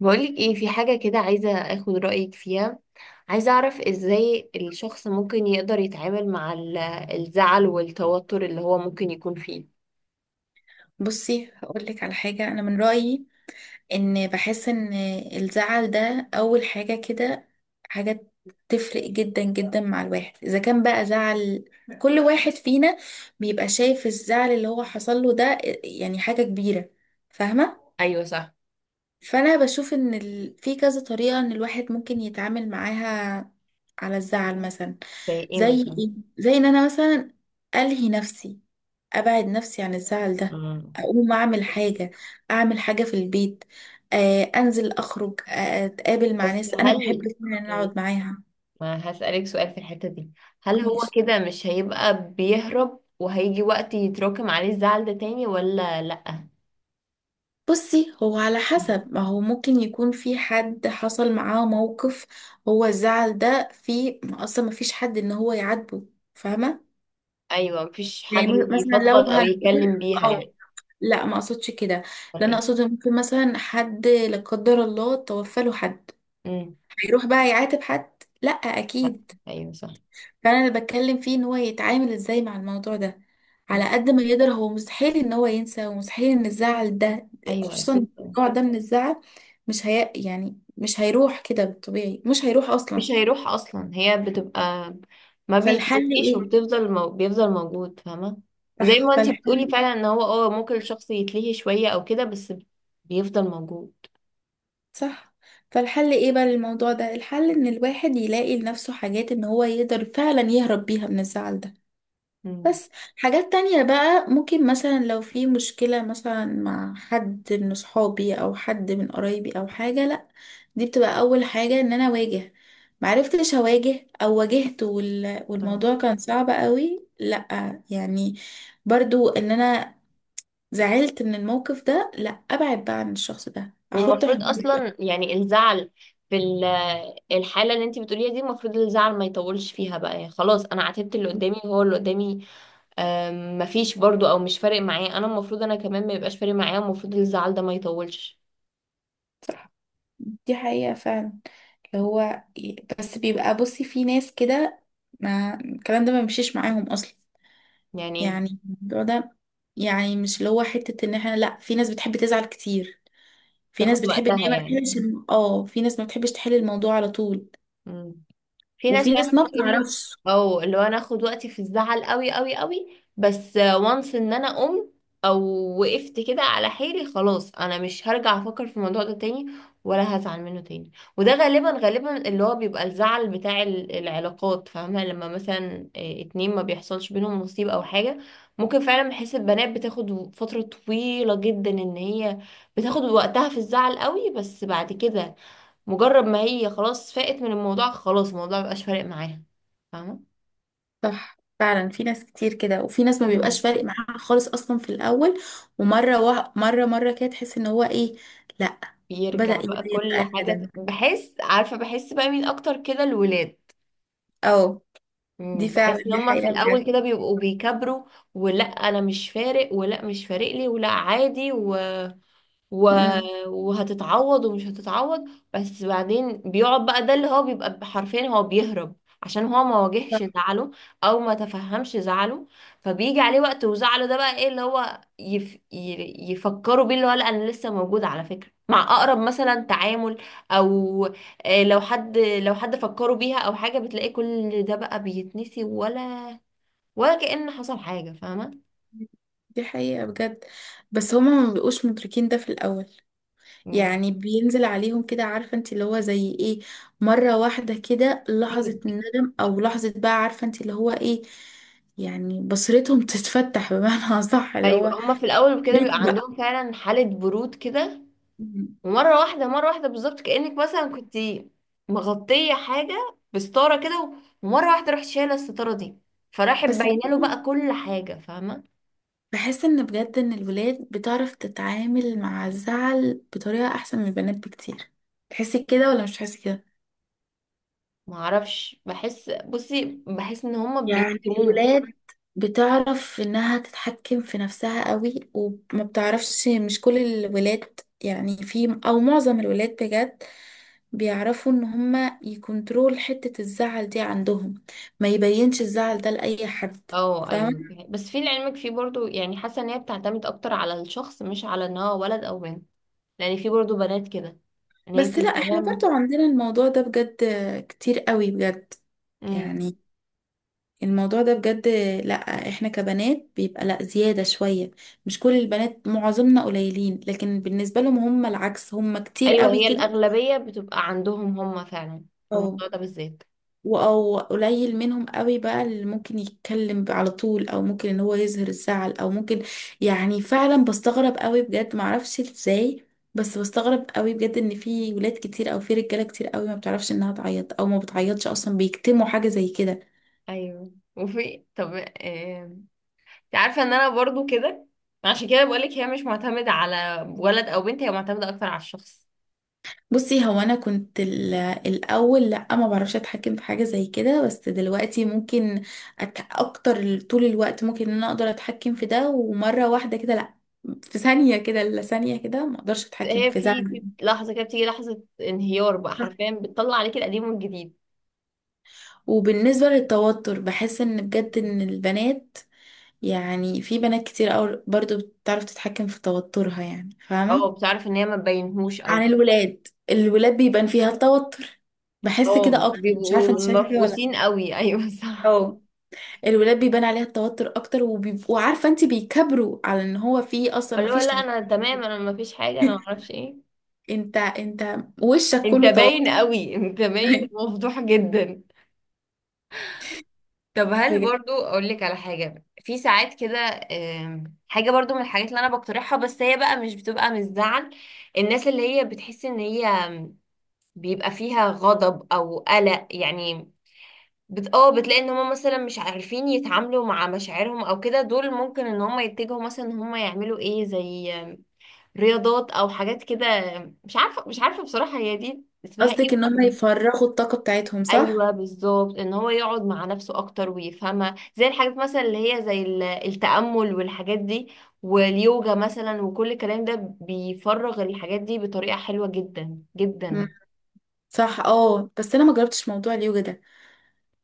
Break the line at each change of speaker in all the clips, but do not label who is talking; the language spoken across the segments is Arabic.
بقولك ايه في حاجة كده عايزة اخد رأيك فيها. عايزة اعرف ازاي الشخص ممكن يقدر يتعامل مع الزعل والتوتر اللي هو ممكن يكون فيه.
بصي هقول لك على حاجة. أنا من رأيي إن بحس إن الزعل ده أول حاجة كده، حاجة تفرق جدا جدا مع الواحد. إذا كان بقى زعل، كل واحد فينا بيبقى شايف الزعل اللي هو حصل له ده يعني حاجة كبيرة. فاهمة؟
ايوه، صح.
فأنا بشوف إن في كذا طريقة إن الواحد ممكن يتعامل معاها على الزعل مثلا.
زي ايه
زي
مثلا؟
إيه؟ زي إن أنا مثلا ألهي نفسي، ابعد نفسي عن الزعل ده،
مم.
اقوم اعمل حاجه، اعمل حاجه في البيت، آه انزل اخرج، آه اتقابل مع
بس
ناس انا بحب
هل
فعلا ان أنا
إيه،
اقعد معاها.
ما هسألك سؤال في الحتة دي. هل هو
ماشي،
كده مش هيبقى بيهرب وهيجي وقت يتراكم عليه الزعل ده تاني ولا لأ؟
بصي هو على
مم.
حسب. ما هو ممكن يكون في حد حصل معاه موقف، هو الزعل ده في اصلا ما فيش حد ان هو يعاتبه، فاهمه؟
ايوه، مفيش
يعني
حاجة.
مثلا لو
يفضفض او
هنقول،
يتكلم بيها
اه
يعني.
لا ما اقصدش كده.
ولا
لا انا
ايه؟
اقصد ممكن مثلا حد لا قدر الله توفى له حد،
مم.
هيروح بقى يعاتب حد؟ لا
لأ.
اكيد.
ايوه، صح.
فانا اللي بتكلم فيه ان هو يتعامل ازاي مع الموضوع ده.
مم.
على قد ما يقدر، هو مستحيل ان هو ينسى، ومستحيل ان الزعل ده،
ايوه،
خصوصا
اكيد.
النوع ده من الزعل، مش هي يعني مش هيروح كده بالطبيعي، مش هيروح
مش
اصلا.
هيروح اصلا، هي بتبقى ما
فالحل
بيتنسيش
ايه؟
وبتفضل بيفضل موجود، فاهمه. زي
صح،
ما انتي بتقولي
فالحل،
فعلا ان هو ممكن الشخص يتلهي شويه او كده، بس بيفضل موجود.
صح. فالحل ايه بقى للموضوع ده؟ الحل ان الواحد يلاقي لنفسه حاجات ان هو يقدر فعلا يهرب بيها من الزعل ده.
مم.
بس حاجات تانية بقى، ممكن مثلا لو في مشكلة مثلا مع حد من صحابي أو حد من قرايبي أو حاجة، لأ دي بتبقى أول حاجة إن أنا أواجه. معرفتش أواجه أو واجهت
آه.
والموضوع كان صعب قوي، لأ يعني برضو إن أنا زعلت من الموقف ده، لأ أبعد بقى عن الشخص ده، أحط
والمفروض
حدود.
اصلا يعني الزعل في الحاله اللي انتي بتقوليها دي، المفروض الزعل ما يطولش فيها بقى، يعني خلاص انا عاتبت اللي قدامي هو اللي قدامي. مفيش برضو او مش فارق معاه، انا المفروض انا كمان ما يبقاش فارق معايا، المفروض الزعل ده ما يطولش
صح، دي حقيقة فعلا، اللي هو، بس بيبقى، بصي في ناس كده ما الكلام ده ما بيمشيش معاهم أصلا.
يعني.
يعني الموضوع ده، يعني مش اللي هو حتة ان احنا، لا، في ناس بتحب تزعل كتير، في ناس
تاخد
بتحب ان
وقتها
هي ما
يعني.
تحلش في ناس ما بتحبش تحل الموضوع على طول،
مم. في ناس
وفي
فعلا
ناس ما
بتقول لك،
بتعرفش.
او اللي هو انا اخد وقتي في الزعل قوي قوي قوي، بس وانس ان انا قمت او وقفت كده على حيلي، خلاص انا مش هرجع افكر في الموضوع ده تاني ولا هزعل منه تاني. وده غالبا غالبا اللي هو بيبقى الزعل بتاع العلاقات، فاهمة؟ لما مثلا اتنين ما بيحصلش بينهم نصيب او حاجة. ممكن فعلا بحس البنات بتاخد فترة طويلة جدا ان هي بتاخد وقتها في الزعل قوي، بس بعد كده مجرد ما هي خلاص فاقت من الموضوع، خلاص الموضوع مبقاش فارق معاها، فاهمة.
صح، فعلا في ناس كتير كده، وفي ناس ما بيبقاش
مم.
فارق معاها خالص اصلا في الاول، ومرة مرة كده تحس ان هو ايه، لا، بدأ
بيرجع بقى
يبان بقى
كل حاجة
الندم.
بحس، عارفة، بحس بقى مين أكتر كده، الولاد.
اه، دي فعلا
بحس إن
دي
هما في
حقيقة
الأول
بجد.
كده بيبقوا بيكبروا، ولا أنا مش فارق، ولا مش فارق لي، ولا عادي و...
امم
وهتتعوض ومش هتتعوض. بس بعدين بيقعد بقى ده اللي هو بيبقى حرفيا هو بيهرب، عشان هو ما واجهش
صح،
زعله او ما تفهمش زعله. فبيجي عليه وقت وزعله ده بقى ايه، اللي هو يفكروا بيه، اللي هو لا انا لسه موجود على فكرة، مع اقرب مثلا تعامل، او لو حد فكروا بيها او حاجة، بتلاقيه كل ده بقى بيتنسي ولا كأن حصل حاجة، فاهمة.
دي حقيقة بجد. بس هما ما بيبقوش مدركين ده في الاول. يعني بينزل عليهم كده، عارفة انت، اللي هو زي ايه، مرة واحدة كده، لحظة
مم.
الندم او لحظة، بقى عارفة انت اللي هو ايه. يعني بصيرتهم تتفتح، بمعنى صح اللي
ايوه،
هو
هما في الاول كده
بقيت
بيبقى
بقى.
عندهم فعلا حاله برود كده. ومره واحده مره واحده بالظبط، كانك مثلا كنت مغطيه حاجه بستاره كده، ومره واحده رحت شايله الستاره دي، فراحت
بس
باينه له بقى كل حاجه، فاهمه.
بحس ان بجد ان الولاد بتعرف تتعامل مع الزعل بطريقة احسن من البنات بكتير. تحسي كده ولا مش تحسي كده؟
ما اعرفش، بحس، بصي بحس ان هما
يعني
بيكتموه.
الولاد بتعرف انها تتحكم في نفسها قوي، وما بتعرفش، مش كل الولاد يعني، في او معظم الولاد بجد بيعرفوا ان هما يكنترول حتة الزعل دي عندهم، ما يبينش الزعل ده لأي حد.
اه ايوه،
فاهمة؟
بس في لعلمك في برضو، يعني حاسه ان هي بتعتمد اكتر على الشخص، مش على ان هو ولد او بنت. لان في برضو بنات كده ان هي
بس لا، احنا برضو
تتهام.
عندنا الموضوع ده بجد، كتير قوي بجد، يعني الموضوع ده بجد، لا، احنا كبنات بيبقى لا زيادة شوية، مش كل البنات، معظمنا قليلين، لكن بالنسبة لهم هم العكس، هم كتير
ايوه،
قوي
هي
كده.
الاغلبيه بتبقى عندهم هم فعلا في
او
الموضوع ده بالذات.
او قليل منهم قوي بقى اللي ممكن يتكلم على طول، او ممكن ان هو يظهر الزعل او ممكن، يعني فعلا بستغرب قوي بجد، معرفش ازاي. بس بستغرب قوي بجد ان في ولاد كتير، او في رجاله كتير قوي، ما بتعرفش انها تعيط او ما بتعيطش اصلا، بيكتموا حاجه زي كده.
ايوه، وفي طب انت عارفه ان انا برضو كده. عشان كده بقولك هي مش معتمده على ولد او بنت، هي معتمده اكتر على الشخص.
بصي هو انا كنت الاول لا ما بعرفش اتحكم في حاجه زي كده، بس دلوقتي ممكن اكتر، طول الوقت ممكن ان انا اقدر اتحكم في ده، ومره واحده كده لا، في ثانيه كده، لا، ثانيه كده ما اقدرش اتحكم
هي
في
في
زعلي.
في لحظه كده بتيجي لحظه انهيار بقى، حرفيا بتطلع عليك القديم والجديد.
وبالنسبه للتوتر، بحس ان بجد ان البنات، يعني في بنات كتير أوي برضو بتعرف تتحكم في توترها، يعني فاهمه،
اه، بتعرف ان هي ما تبينهوش
عن
او.
الولاد. الولاد بيبان فيها التوتر، بحس كده
اه،
اكتر. مش عارفه
بيبقوا
انت شايفه كده ولا لا.
مفقوسين قوي ايوه، صح.
آه. الولاد بيبان عليها التوتر اكتر، وبيبقوا، عارفه انت، بيكبروا على ان هو فيه اصلا ما
اللي هو
فيش
لا
توتر.
انا تمام، انا ما فيش حاجه، انا ما اعرفش ايه.
انت، انت وشك
انت
كله
باين
توتر.
قوي، انت باين ومفضوح جدا. طب هل
بجد.
برضو اقول لك على حاجه؟ في ساعات كده حاجه برضو من الحاجات اللي انا بقترحها، بس هي بقى مش بتبقى من الزعل. الناس اللي هي بتحس ان هي بيبقى فيها غضب او قلق يعني، بت... اه بتلاقي ان هم مثلا مش عارفين يتعاملوا مع مشاعرهم او كده، دول ممكن ان هم يتجهوا مثلا ان هم يعملوا ايه، زي رياضات او حاجات كده. مش عارفه بصراحه هي دي اسمها
قصدك
ايه.
ان هم يفرغوا الطاقه بتاعتهم؟ صح.
ايوه، بالظبط، ان هو يقعد مع نفسه اكتر ويفهمها، زي الحاجات مثلا اللي هي زي التأمل والحاجات دي، واليوجا مثلا، وكل الكلام ده بيفرغ الحاجات دي بطريقة حلوة جدا جدا.
مم. صح، اه، بس انا ما جربتش موضوع اليوجا ده.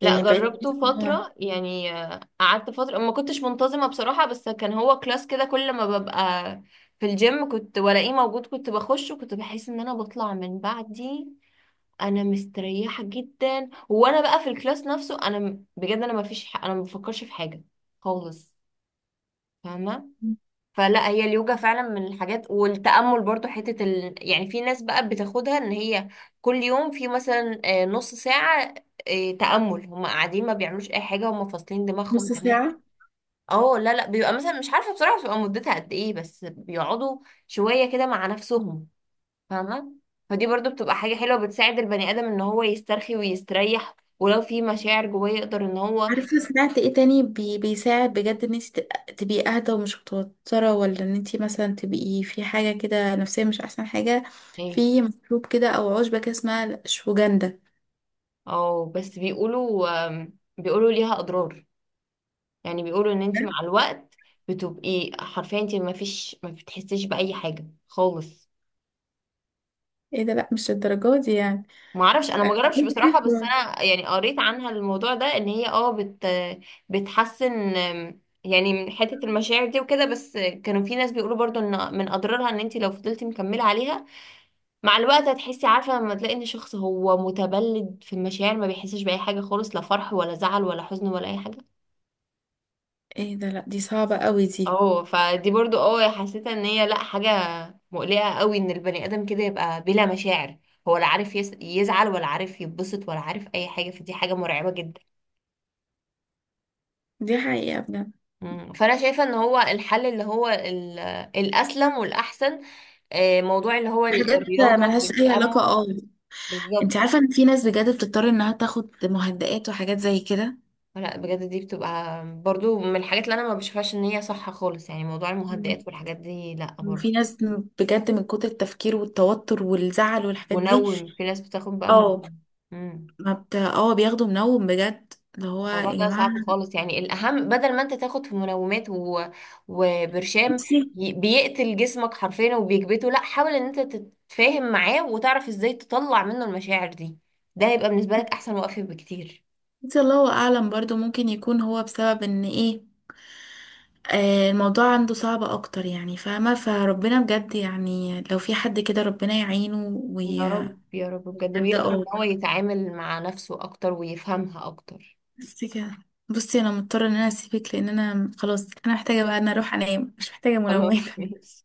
لا،
يعني بقيت بحس
جربته
إن هو
فترة يعني، قعدت فترة ما كنتش منتظمة بصراحة، بس كان هو كلاس كده كل ما ببقى في الجيم كنت ولاقيه موجود كنت بخش، وكنت بحس ان انا بطلع من بعدي انا مستريحه جدا. وانا بقى في الكلاس نفسه انا بجد انا ما فيش ح... انا ما بفكرش في حاجه خالص، فاهمه. فلا، هي اليوجا فعلا من الحاجات، والتامل برضو، حته يعني في ناس بقى بتاخدها ان هي كل يوم في مثلا نص ساعه تامل، هم قاعدين ما بيعملوش اي حاجه، هم فاصلين دماغهم
نص
تماما.
ساعه.
اه، لا لا، بيبقى مثلا مش عارفه بصراحه بتبقى مدتها قد ايه، بس بيقعدوا شويه كده مع نفسهم، فاهمة. فدي برضو بتبقى حاجة حلوة، بتساعد البني آدم ان هو يسترخي ويستريح، ولو في مشاعر جواه يقدر ان هو
عارفه سمعت ايه تاني بي بيساعد بجد ان انت تبقي اهدى ومش متوتره، ولا ان انت مثلا تبقي في حاجه كده نفسيه مش احسن حاجه؟
ايه.
في مشروب كده او عشبه كده اسمها شوجندا.
اه، بس بيقولوا ليها أضرار. يعني بيقولوا ان انت مع الوقت بتبقي حرفيا انت ما بتحسيش بأي حاجة خالص.
ايه ده؟ لا مش الدرجات دي يعني،
ما اعرفش، انا ما
عايزة
جربش بصراحة، بس
أحس-
انا يعني قريت عنها الموضوع ده، ان هي اه بت بتحسن يعني من حتة المشاعر دي وكده، بس كانوا في ناس بيقولوا برضو ان من اضرارها ان انت لو فضلتي مكملة عليها مع الوقت هتحسي، عارفة لما تلاقي ان شخص هو متبلد في المشاعر، ما بيحسش بأي حاجة خالص، لا فرح ولا زعل ولا حزن ولا أي حاجة.
ايه ده؟ لا دي صعبة قوي دي.
اه، فدي برضو حسيت ان هي لا، حاجة مقلقة قوي ان البني آدم كده يبقى بلا مشاعر، هو لا عارف يزعل، ولا عارف يتبسط، ولا عارف أي حاجة، فدي حاجة مرعبة جدا.
دي حقيقة بجد.
مم. فأنا شايفة ان هو الحل اللي هو الأسلم والأحسن، موضوع اللي هو
حاجات
الرياضة
ملهاش اي علاقة،
والتأمل.
اه. انت
بالظبط.
عارفة ان في ناس بجد بتضطر انها تاخد مهدئات وحاجات زي كده؟
لا بجد، دي بتبقى برضو من الحاجات اللي انا ما بشوفهاش ان هي صح خالص، يعني موضوع
مم.
المهدئات والحاجات دي لا برضو.
وفي ناس بجد، من كتر التفكير والتوتر والزعل والحاجات دي،
في ناس بتاخد بقى
اه،
منوم. مم.
ما بت... اه بياخدوا منوم بجد، اللي هو
الموضوع
يا
ده
جماعة.
صعب خالص، يعني الاهم بدل ما انت تاخد في منومات وبرشام
نفسي،
بيقتل جسمك حرفيا وبيكبته، لا، حاول ان انت تتفاهم معاه وتعرف ازاي تطلع منه المشاعر دي، ده هيبقى بالنسبة لك احسن وقفة بكتير.
نفسي الله اعلم. برضو ممكن يكون هو بسبب ان ايه، آه، الموضوع عنده صعب اكتر، يعني فاهمة؟ فربنا بجد، يعني لو في حد كده ربنا يعينه
يا
ويعدى.
رب يا رب بجد، ويقدر ان
اه،
هو يتعامل مع نفسه اكتر ويفهمها اكتر.
بس كده. بصي انا مضطرة ان انا اسيبك، لان انا خلاص انا محتاجة بقى ان اروح انام، مش محتاجة
خلاص،
منومة.
ماشي.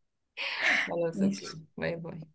خلاص،
ماشي.
اوكي، باي باي.